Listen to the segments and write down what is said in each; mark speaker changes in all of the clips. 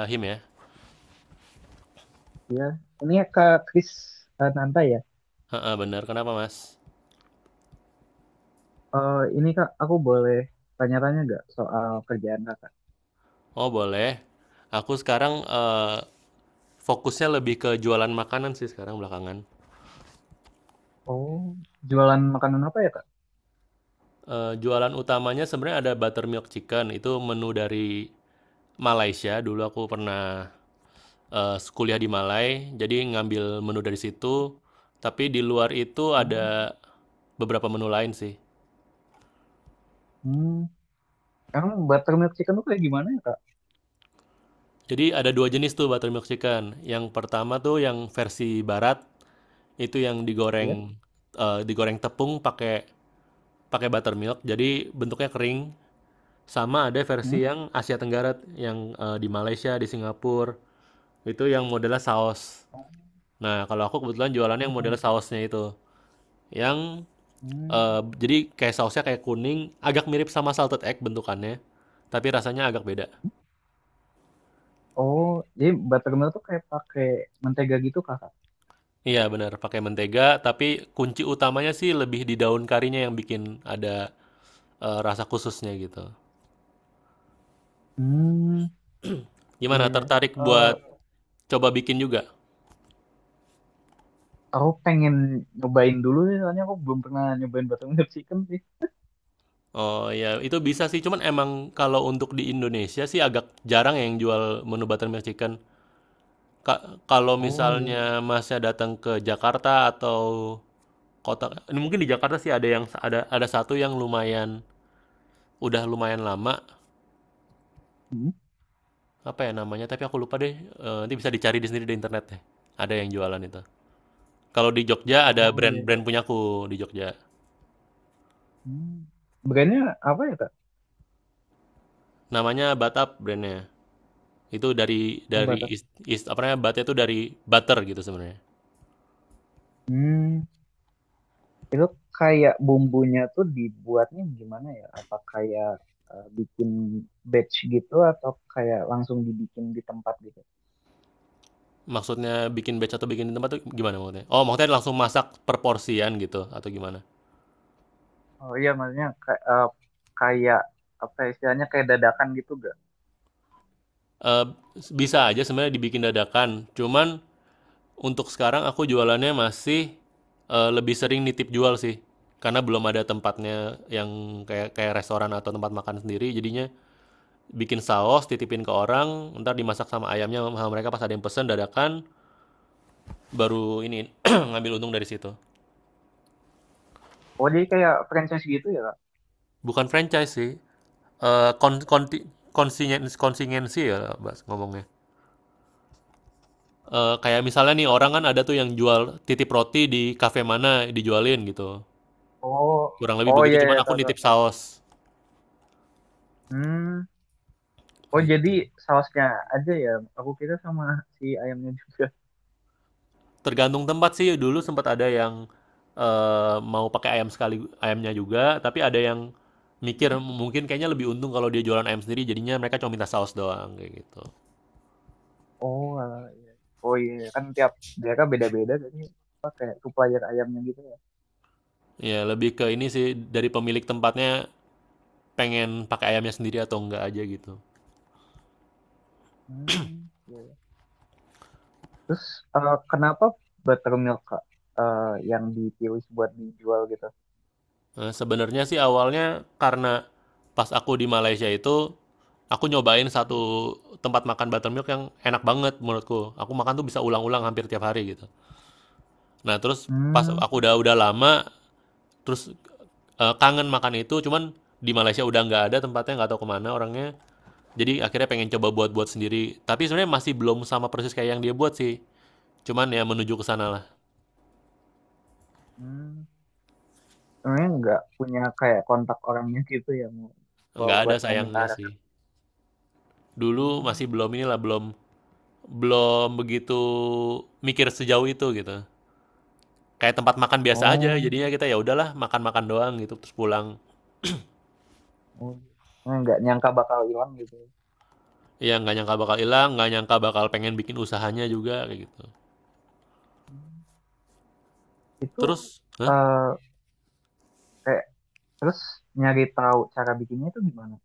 Speaker 1: Fahim ya?
Speaker 2: Iya, ini ya, Kak Kris eh, Nanta ya.
Speaker 1: Heeh, bener. Kenapa, Mas?
Speaker 2: Eh, ini Kak, aku boleh tanya-tanya nggak soal kerjaan Kakak?
Speaker 1: Oh, boleh. Aku sekarang fokusnya lebih ke jualan makanan sih sekarang belakangan.
Speaker 2: Oh, jualan makanan apa ya Kak?
Speaker 1: Jualan utamanya sebenarnya ada buttermilk chicken, itu menu dari Malaysia. Dulu aku pernah, kuliah di Malai, jadi ngambil menu dari situ. Tapi di luar itu
Speaker 2: Oh,
Speaker 1: ada beberapa menu lain sih.
Speaker 2: hmm. Emang buttermilk chicken tuh kayak gimana ya Kak?
Speaker 1: Jadi ada dua jenis tuh buttermilk chicken. Yang pertama tuh yang versi barat, itu yang
Speaker 2: Iya.
Speaker 1: digoreng, digoreng tepung pakai pakai buttermilk jadi bentuknya kering. Sama ada versi
Speaker 2: Hmm?
Speaker 1: yang Asia Tenggara yang di Malaysia, di Singapura, itu yang modelnya saus.
Speaker 2: Oh,
Speaker 1: Nah kalau aku kebetulan jualannya
Speaker 2: oh,
Speaker 1: yang
Speaker 2: oh.
Speaker 1: modelnya sausnya itu yang
Speaker 2: Hmm.
Speaker 1: jadi kayak sausnya kayak kuning agak mirip sama salted egg bentukannya, tapi rasanya agak beda.
Speaker 2: Oh, jadi buttermilk tuh kayak pakai mentega gitu Kakak?
Speaker 1: Iya benar pakai mentega, tapi kunci utamanya sih lebih di daun karinya yang bikin ada rasa khususnya gitu.
Speaker 2: Hmm, iya,
Speaker 1: Gimana,
Speaker 2: iya.
Speaker 1: tertarik buat
Speaker 2: Eh,
Speaker 1: coba bikin juga?
Speaker 2: aku pengen nyobain dulu sih, soalnya aku belum pernah nyobain buttermilk chicken sih.
Speaker 1: Oh, ya itu bisa sih, cuman emang kalau untuk di Indonesia sih agak jarang yang jual menu buttermilk chicken. Ka kalau
Speaker 2: Oh iya.
Speaker 1: misalnya Masnya datang ke Jakarta atau kota ini, mungkin di Jakarta sih ada yang ada satu yang lumayan udah lumayan lama,
Speaker 2: Hmm.
Speaker 1: apa ya namanya, tapi aku lupa deh, nanti bisa dicari di sendiri di internet deh. Ada yang jualan itu. Kalau di Jogja ada
Speaker 2: Oh iya.
Speaker 1: brand-brand punyaku di Jogja.
Speaker 2: Hmm. Brandnya apa ya Kak?
Speaker 1: Namanya Batap brandnya. Itu dari
Speaker 2: Oh,
Speaker 1: dari
Speaker 2: batas.
Speaker 1: is apa namanya, Batnya itu dari butter gitu sebenarnya.
Speaker 2: Hmm, kayak bumbunya tuh dibuatnya gimana ya? Apa kayak bikin batch gitu atau kayak langsung dibikin di tempat gitu?
Speaker 1: Maksudnya bikin batch atau bikin di tempat tuh gimana maksudnya? Oh, maksudnya langsung masak per porsian gitu atau gimana?
Speaker 2: Oh iya, maksudnya kayak apa ya, istilahnya kayak dadakan gitu gak?
Speaker 1: Eh, bisa aja sebenarnya dibikin dadakan. Cuman untuk sekarang aku jualannya masih lebih sering nitip jual sih. Karena belum ada tempatnya yang kayak kayak restoran atau tempat makan sendiri, jadinya bikin saus, titipin ke orang, ntar dimasak sama ayamnya sama mereka pas ada yang pesen dadakan, baru ini ngambil untung dari situ.
Speaker 2: Oh, jadi kayak franchise gitu ya, Kak?
Speaker 1: Bukan franchise sih. Eh kon konti- Konsingensi ya Bas, ngomongnya. Kayak misalnya nih orang
Speaker 2: Pen-
Speaker 1: kan ada tuh yang jual titip roti di kafe mana dijualin gitu.
Speaker 2: Oh,
Speaker 1: Kurang lebih
Speaker 2: oh
Speaker 1: begitu,
Speaker 2: iya, iya,
Speaker 1: cuman aku
Speaker 2: tahu, tahu.
Speaker 1: nitip saus
Speaker 2: Hmm, oh jadi
Speaker 1: gitu.
Speaker 2: sausnya aja ya. Aku kira sama si ayamnya juga.
Speaker 1: Tergantung tempat sih. Dulu sempat ada yang mau pakai ayam sekali ayamnya juga, tapi ada yang mikir
Speaker 2: Hmm.
Speaker 1: mungkin kayaknya lebih untung kalau dia jualan ayam sendiri, jadinya mereka cuma minta saus doang kayak gitu.
Speaker 2: Oh, alah, iya. Oh iya, kan tiap daerah beda-beda jadi supplier ayamnya gitu ya.
Speaker 1: Ya lebih ke ini sih dari pemilik tempatnya, pengen pakai ayamnya sendiri atau enggak aja gitu.
Speaker 2: Hmm, iya, iya. Eh, kenapa buttermilk Kak, eh, yang dipilih buat dijual gitu?
Speaker 1: Sebenarnya sih awalnya karena pas aku di Malaysia itu, aku nyobain satu tempat makan buttermilk yang enak banget menurutku. Aku makan tuh bisa ulang-ulang hampir tiap hari gitu. Nah terus pas
Speaker 2: Hmm,
Speaker 1: aku udah lama, terus, kangen makan itu, cuman di Malaysia udah nggak ada tempatnya, nggak tahu kemana orangnya. Jadi akhirnya pengen coba buat-buat sendiri. Tapi sebenarnya masih belum sama persis kayak yang dia buat sih. Cuman ya menuju ke sana lah.
Speaker 2: hmm. Sebenarnya nggak punya kayak kontak orangnya gitu ya mau kalau
Speaker 1: Nggak ada
Speaker 2: buat mau minta
Speaker 1: sayangnya sih.
Speaker 2: resep.
Speaker 1: Dulu
Speaker 2: Hmm.
Speaker 1: masih belum inilah, belum Belum begitu mikir sejauh itu gitu. Kayak tempat makan biasa aja,
Speaker 2: Oh,
Speaker 1: jadinya kita ya udahlah makan-makan doang gitu, terus pulang.
Speaker 2: oh. Nah, nggak nyangka bakal hilang gitu.
Speaker 1: Ya nggak nyangka bakal hilang, nggak nyangka bakal pengen bikin usahanya juga kayak gitu.
Speaker 2: Hmm. Itu
Speaker 1: Terus, hah?
Speaker 2: eh kayak terus nyari tahu cara bikinnya itu gimana?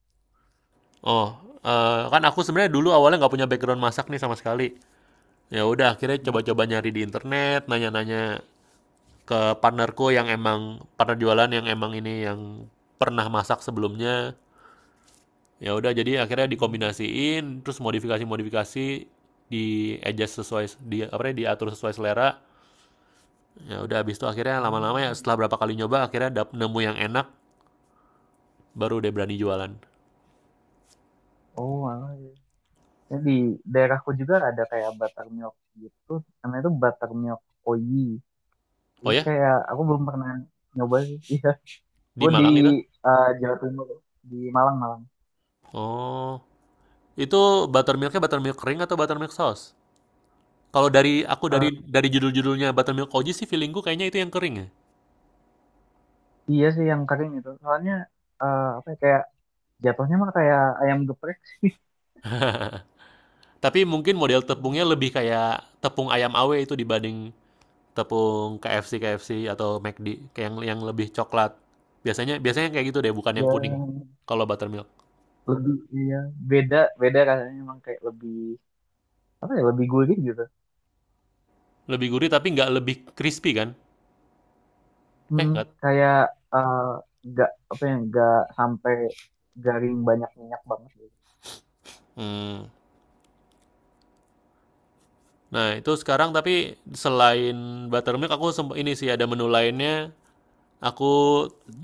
Speaker 1: Oh, kan aku sebenarnya dulu awalnya nggak punya background masak nih sama sekali. Ya udah akhirnya
Speaker 2: Hmm.
Speaker 1: coba-coba nyari di internet, nanya-nanya ke partnerku yang emang partner jualan yang emang ini yang pernah masak sebelumnya. Ya udah jadi akhirnya
Speaker 2: Hmm.
Speaker 1: dikombinasiin, terus modifikasi-modifikasi di adjust sesuai, di apa ya, diatur sesuai selera. Ya udah habis itu akhirnya lama-lama ya
Speaker 2: Hmm.
Speaker 1: setelah berapa kali nyoba akhirnya nemu yang enak, baru deh berani jualan.
Speaker 2: Oh, alah, terus di daerahku juga ada kayak buttermilk gitu namanya tuh buttermilk oyi
Speaker 1: Oh
Speaker 2: jadi
Speaker 1: ya,
Speaker 2: kayak aku belum pernah nyoba sih iya
Speaker 1: di
Speaker 2: gue di
Speaker 1: Malang itu?
Speaker 2: Jawa Timur di Malang Malang
Speaker 1: Oh, itu buttermilknya buttermilk kering atau buttermilk sauce? Kalau dari aku dari
Speaker 2: Eh,
Speaker 1: dari judul-judulnya buttermilk koji sih feelingku kayaknya itu yang kering ya.
Speaker 2: iya sih yang kering itu soalnya apa ya, kayak jatuhnya mah kayak ayam geprek sih.
Speaker 1: Tapi mungkin model tepungnya lebih kayak tepung ayam awe itu dibanding tepung KFC KFC atau McD kayak yang lebih coklat. Biasanya biasanya kayak gitu deh, bukan yang kuning.
Speaker 2: Iya,
Speaker 1: Kalau buttermilk
Speaker 2: lebih iya beda beda rasanya emang kayak lebih apa ya lebih gurih gitu.
Speaker 1: lebih gurih tapi nggak lebih crispy kan? Eh
Speaker 2: Mm,
Speaker 1: nggak.
Speaker 2: kayak eh, nggak apa ya nggak sampai garing banyak minyak banget gitu.
Speaker 1: Hmm. Nah itu sekarang tapi selain buttermilk aku ini sih ada menu lainnya. Aku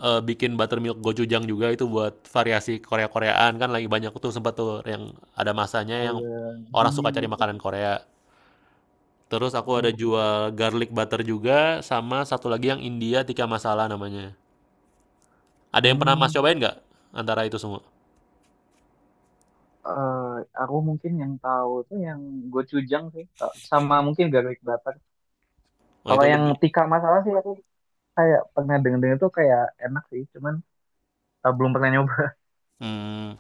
Speaker 1: bikin buttermilk gochujang juga itu buat variasi Korea-Koreaan kan lagi banyak tuh, sempat tuh yang ada masanya
Speaker 2: Oh
Speaker 1: yang
Speaker 2: ya,
Speaker 1: orang suka
Speaker 2: ini ya.
Speaker 1: cari makanan Korea. Terus aku
Speaker 2: Oh,
Speaker 1: ada
Speaker 2: ya.
Speaker 1: jual garlic butter juga, sama satu lagi yang India tikka masala namanya. Ada yang pernah
Speaker 2: Hmm,
Speaker 1: Mas cobain nggak antara itu semua?
Speaker 2: eh, aku mungkin yang tahu tuh yang gochujang sih, Kak, sama mungkin garlic butter.
Speaker 1: Oh
Speaker 2: Kalau
Speaker 1: itu
Speaker 2: yang
Speaker 1: lebih.
Speaker 2: tikar masalah sih aku kayak pernah dengar-dengar tuh kayak enak sih, cuman belum pernah nyoba.
Speaker 1: Hmm,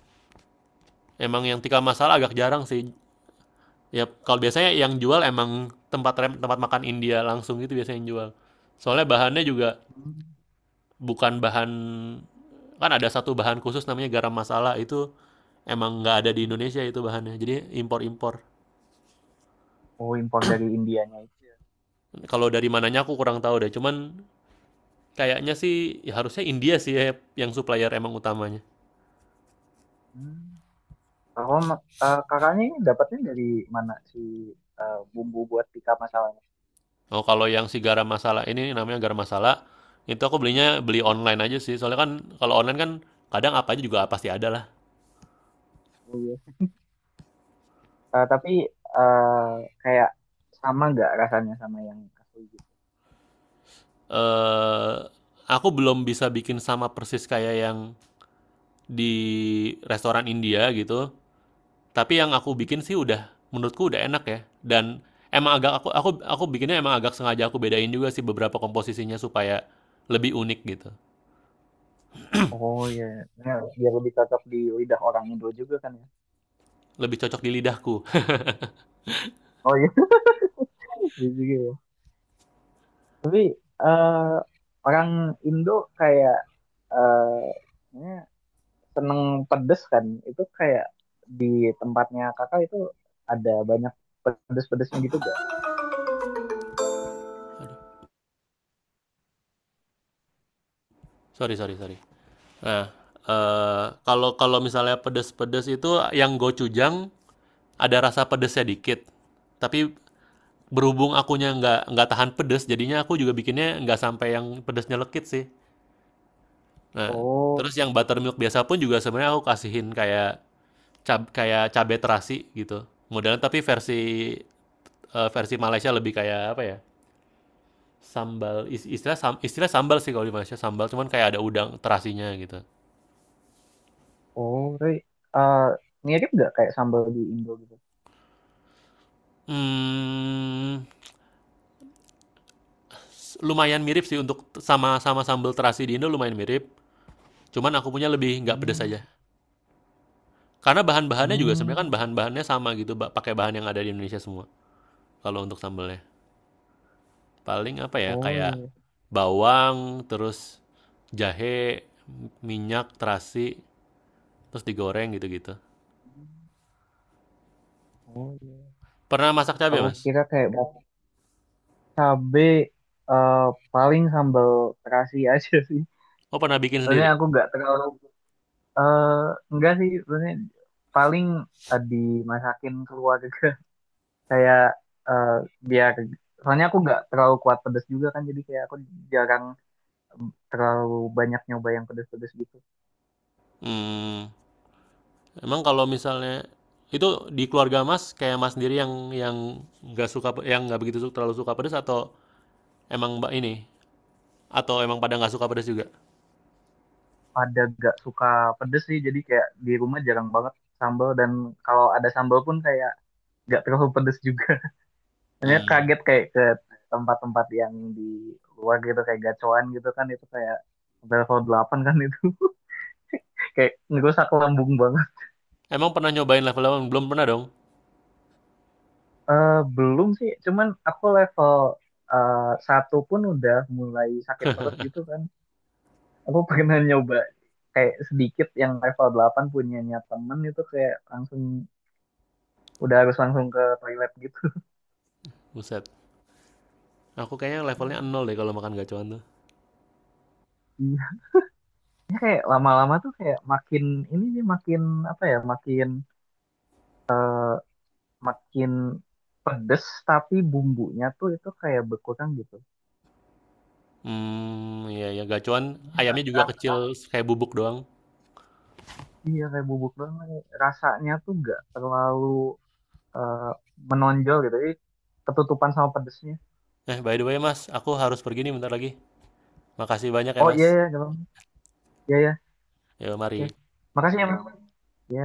Speaker 1: emang yang tikka masala agak jarang sih. Ya kalau biasanya yang jual emang tempat makan India langsung gitu biasanya yang jual. Soalnya bahannya juga
Speaker 2: Hmm.
Speaker 1: bukan bahan, kan ada satu bahan khusus namanya garam masala, itu emang nggak ada di Indonesia itu bahannya. Jadi impor-impor.
Speaker 2: Oh, impor dari Indianya itu ya.
Speaker 1: Kalau dari mananya aku kurang tahu deh. Cuman kayaknya sih ya harusnya India sih ya yang supplier emang utamanya.
Speaker 2: Hmm. Kalau kakaknya ini dapatnya dari mana si bumbu buat tikar masalahnya?
Speaker 1: Oh, kalau yang si garam masala ini namanya garam masala, itu aku belinya beli
Speaker 2: Hmm.
Speaker 1: online aja sih. Soalnya kan kalau online kan kadang apa aja juga pasti ada lah.
Speaker 2: Oh, iya. Eh, tapi eh, kayak sama nggak rasanya sama yang asli
Speaker 1: Eh aku belum bisa bikin sama persis kayak yang di restoran India gitu. Tapi yang aku
Speaker 2: gitu?
Speaker 1: bikin sih udah, menurutku udah enak ya. Dan emang agak aku bikinnya emang agak sengaja aku bedain juga sih beberapa komposisinya supaya lebih unik gitu.
Speaker 2: Oh iya, ya, biar lebih cocok di lidah orang Indo juga kan ya.
Speaker 1: Lebih cocok di lidahku.
Speaker 2: Oh iya, iya juga ya. Tapi eh, orang Indo kayak eh, ya, seneng pedes kan. Itu kayak di tempatnya kakak itu ada banyak pedes-pedesnya gitu gak?
Speaker 1: Sorry, sorry, sorry. Nah, kalau kalau misalnya pedes-pedes itu yang gochujang ada rasa pedesnya dikit. Tapi berhubung akunya nggak tahan pedes, jadinya aku juga bikinnya nggak sampai yang pedesnya lekit sih. Nah,
Speaker 2: Oh,
Speaker 1: terus yang buttermilk biasa pun juga sebenarnya aku kasihin kayak cabe terasi gitu. Modelnya tapi versi, versi Malaysia lebih kayak apa ya, sambal, istilah sambal sih kalau di Malaysia, sambal cuman kayak ada udang terasinya gitu.
Speaker 2: oh, tapi eh, mirip gak kayak sambal di Indo gitu?
Speaker 1: Mmm, lumayan mirip sih untuk sama-sama sambal terasi di Indo lumayan mirip. Cuman aku punya lebih nggak pedes
Speaker 2: Hmm,
Speaker 1: aja. Karena bahan-bahannya juga sebenarnya
Speaker 2: hmm,
Speaker 1: kan bahan-bahannya sama gitu, pakai bahan yang ada di Indonesia semua. Kalau untuk sambalnya paling apa ya
Speaker 2: oh
Speaker 1: kayak
Speaker 2: iya.
Speaker 1: bawang, terus jahe, minyak, terasi, terus digoreng gitu-gitu.
Speaker 2: Hmm. Oh iya.
Speaker 1: Pernah masak cabai
Speaker 2: Aku
Speaker 1: Mas?
Speaker 2: kira kayak mau Cabe eh, paling sambal terasi aja sih.
Speaker 1: Oh, pernah bikin
Speaker 2: Soalnya
Speaker 1: sendiri?
Speaker 2: aku nggak terlalu eh enggak sih. Soalnya paling dimasakin keluarga kayak eh, biar soalnya aku nggak terlalu kuat pedas juga kan jadi kayak aku jarang em, terlalu banyak nyoba yang pedas-pedas gitu.
Speaker 1: Hmm, emang kalau misalnya itu di keluarga Mas kayak Mas sendiri yang nggak suka yang nggak begitu terlalu suka pedas, atau emang Mbak ini, atau emang pada nggak suka pedas juga?
Speaker 2: Pada nggak suka pedas sih jadi kayak di rumah jarang banget sambal dan kalau ada sambal pun kayak nggak terlalu pedas juga. Hanya
Speaker 1: Mmm,
Speaker 2: kaget kayak ke tempat-tempat yang di luar gitu kayak gacoan gitu kan itu kayak level 8 kan itu kayak ngerusak lambung banget.
Speaker 1: emang pernah nyobain level 8? Belum pernah dong?
Speaker 2: Eh, belum sih, cuman aku level eh, satu pun udah mulai sakit perut gitu kan. Aku pernah nyoba kayak sedikit yang level 8 punyanya temen itu kayak langsung udah harus langsung ke toilet gitu.
Speaker 1: Buset, aku kayaknya levelnya 0 deh kalau makan gacoan tuh.
Speaker 2: Iya, ya, kayak lama-lama tuh kayak makin ini sih makin apa ya makin makin pedes tapi bumbunya tuh itu kayak berkurang gitu.
Speaker 1: Hmm, iya ya, gacoan
Speaker 2: Ini agak
Speaker 1: ayamnya juga kecil
Speaker 2: agak-
Speaker 1: kayak bubuk doang.
Speaker 2: iya kayak bubuk doang nih. Rasanya tuh nggak terlalu eh, menonjol gitu. Jadi ketutupan sama pedesnya.
Speaker 1: By the way Mas, aku harus pergi nih bentar lagi. Makasih banyak ya
Speaker 2: Oh
Speaker 1: Mas.
Speaker 2: iya ya, gampang. Iya iya.
Speaker 1: Yo,
Speaker 2: Iya.
Speaker 1: mari.
Speaker 2: Makasih ya, Mas. Iya.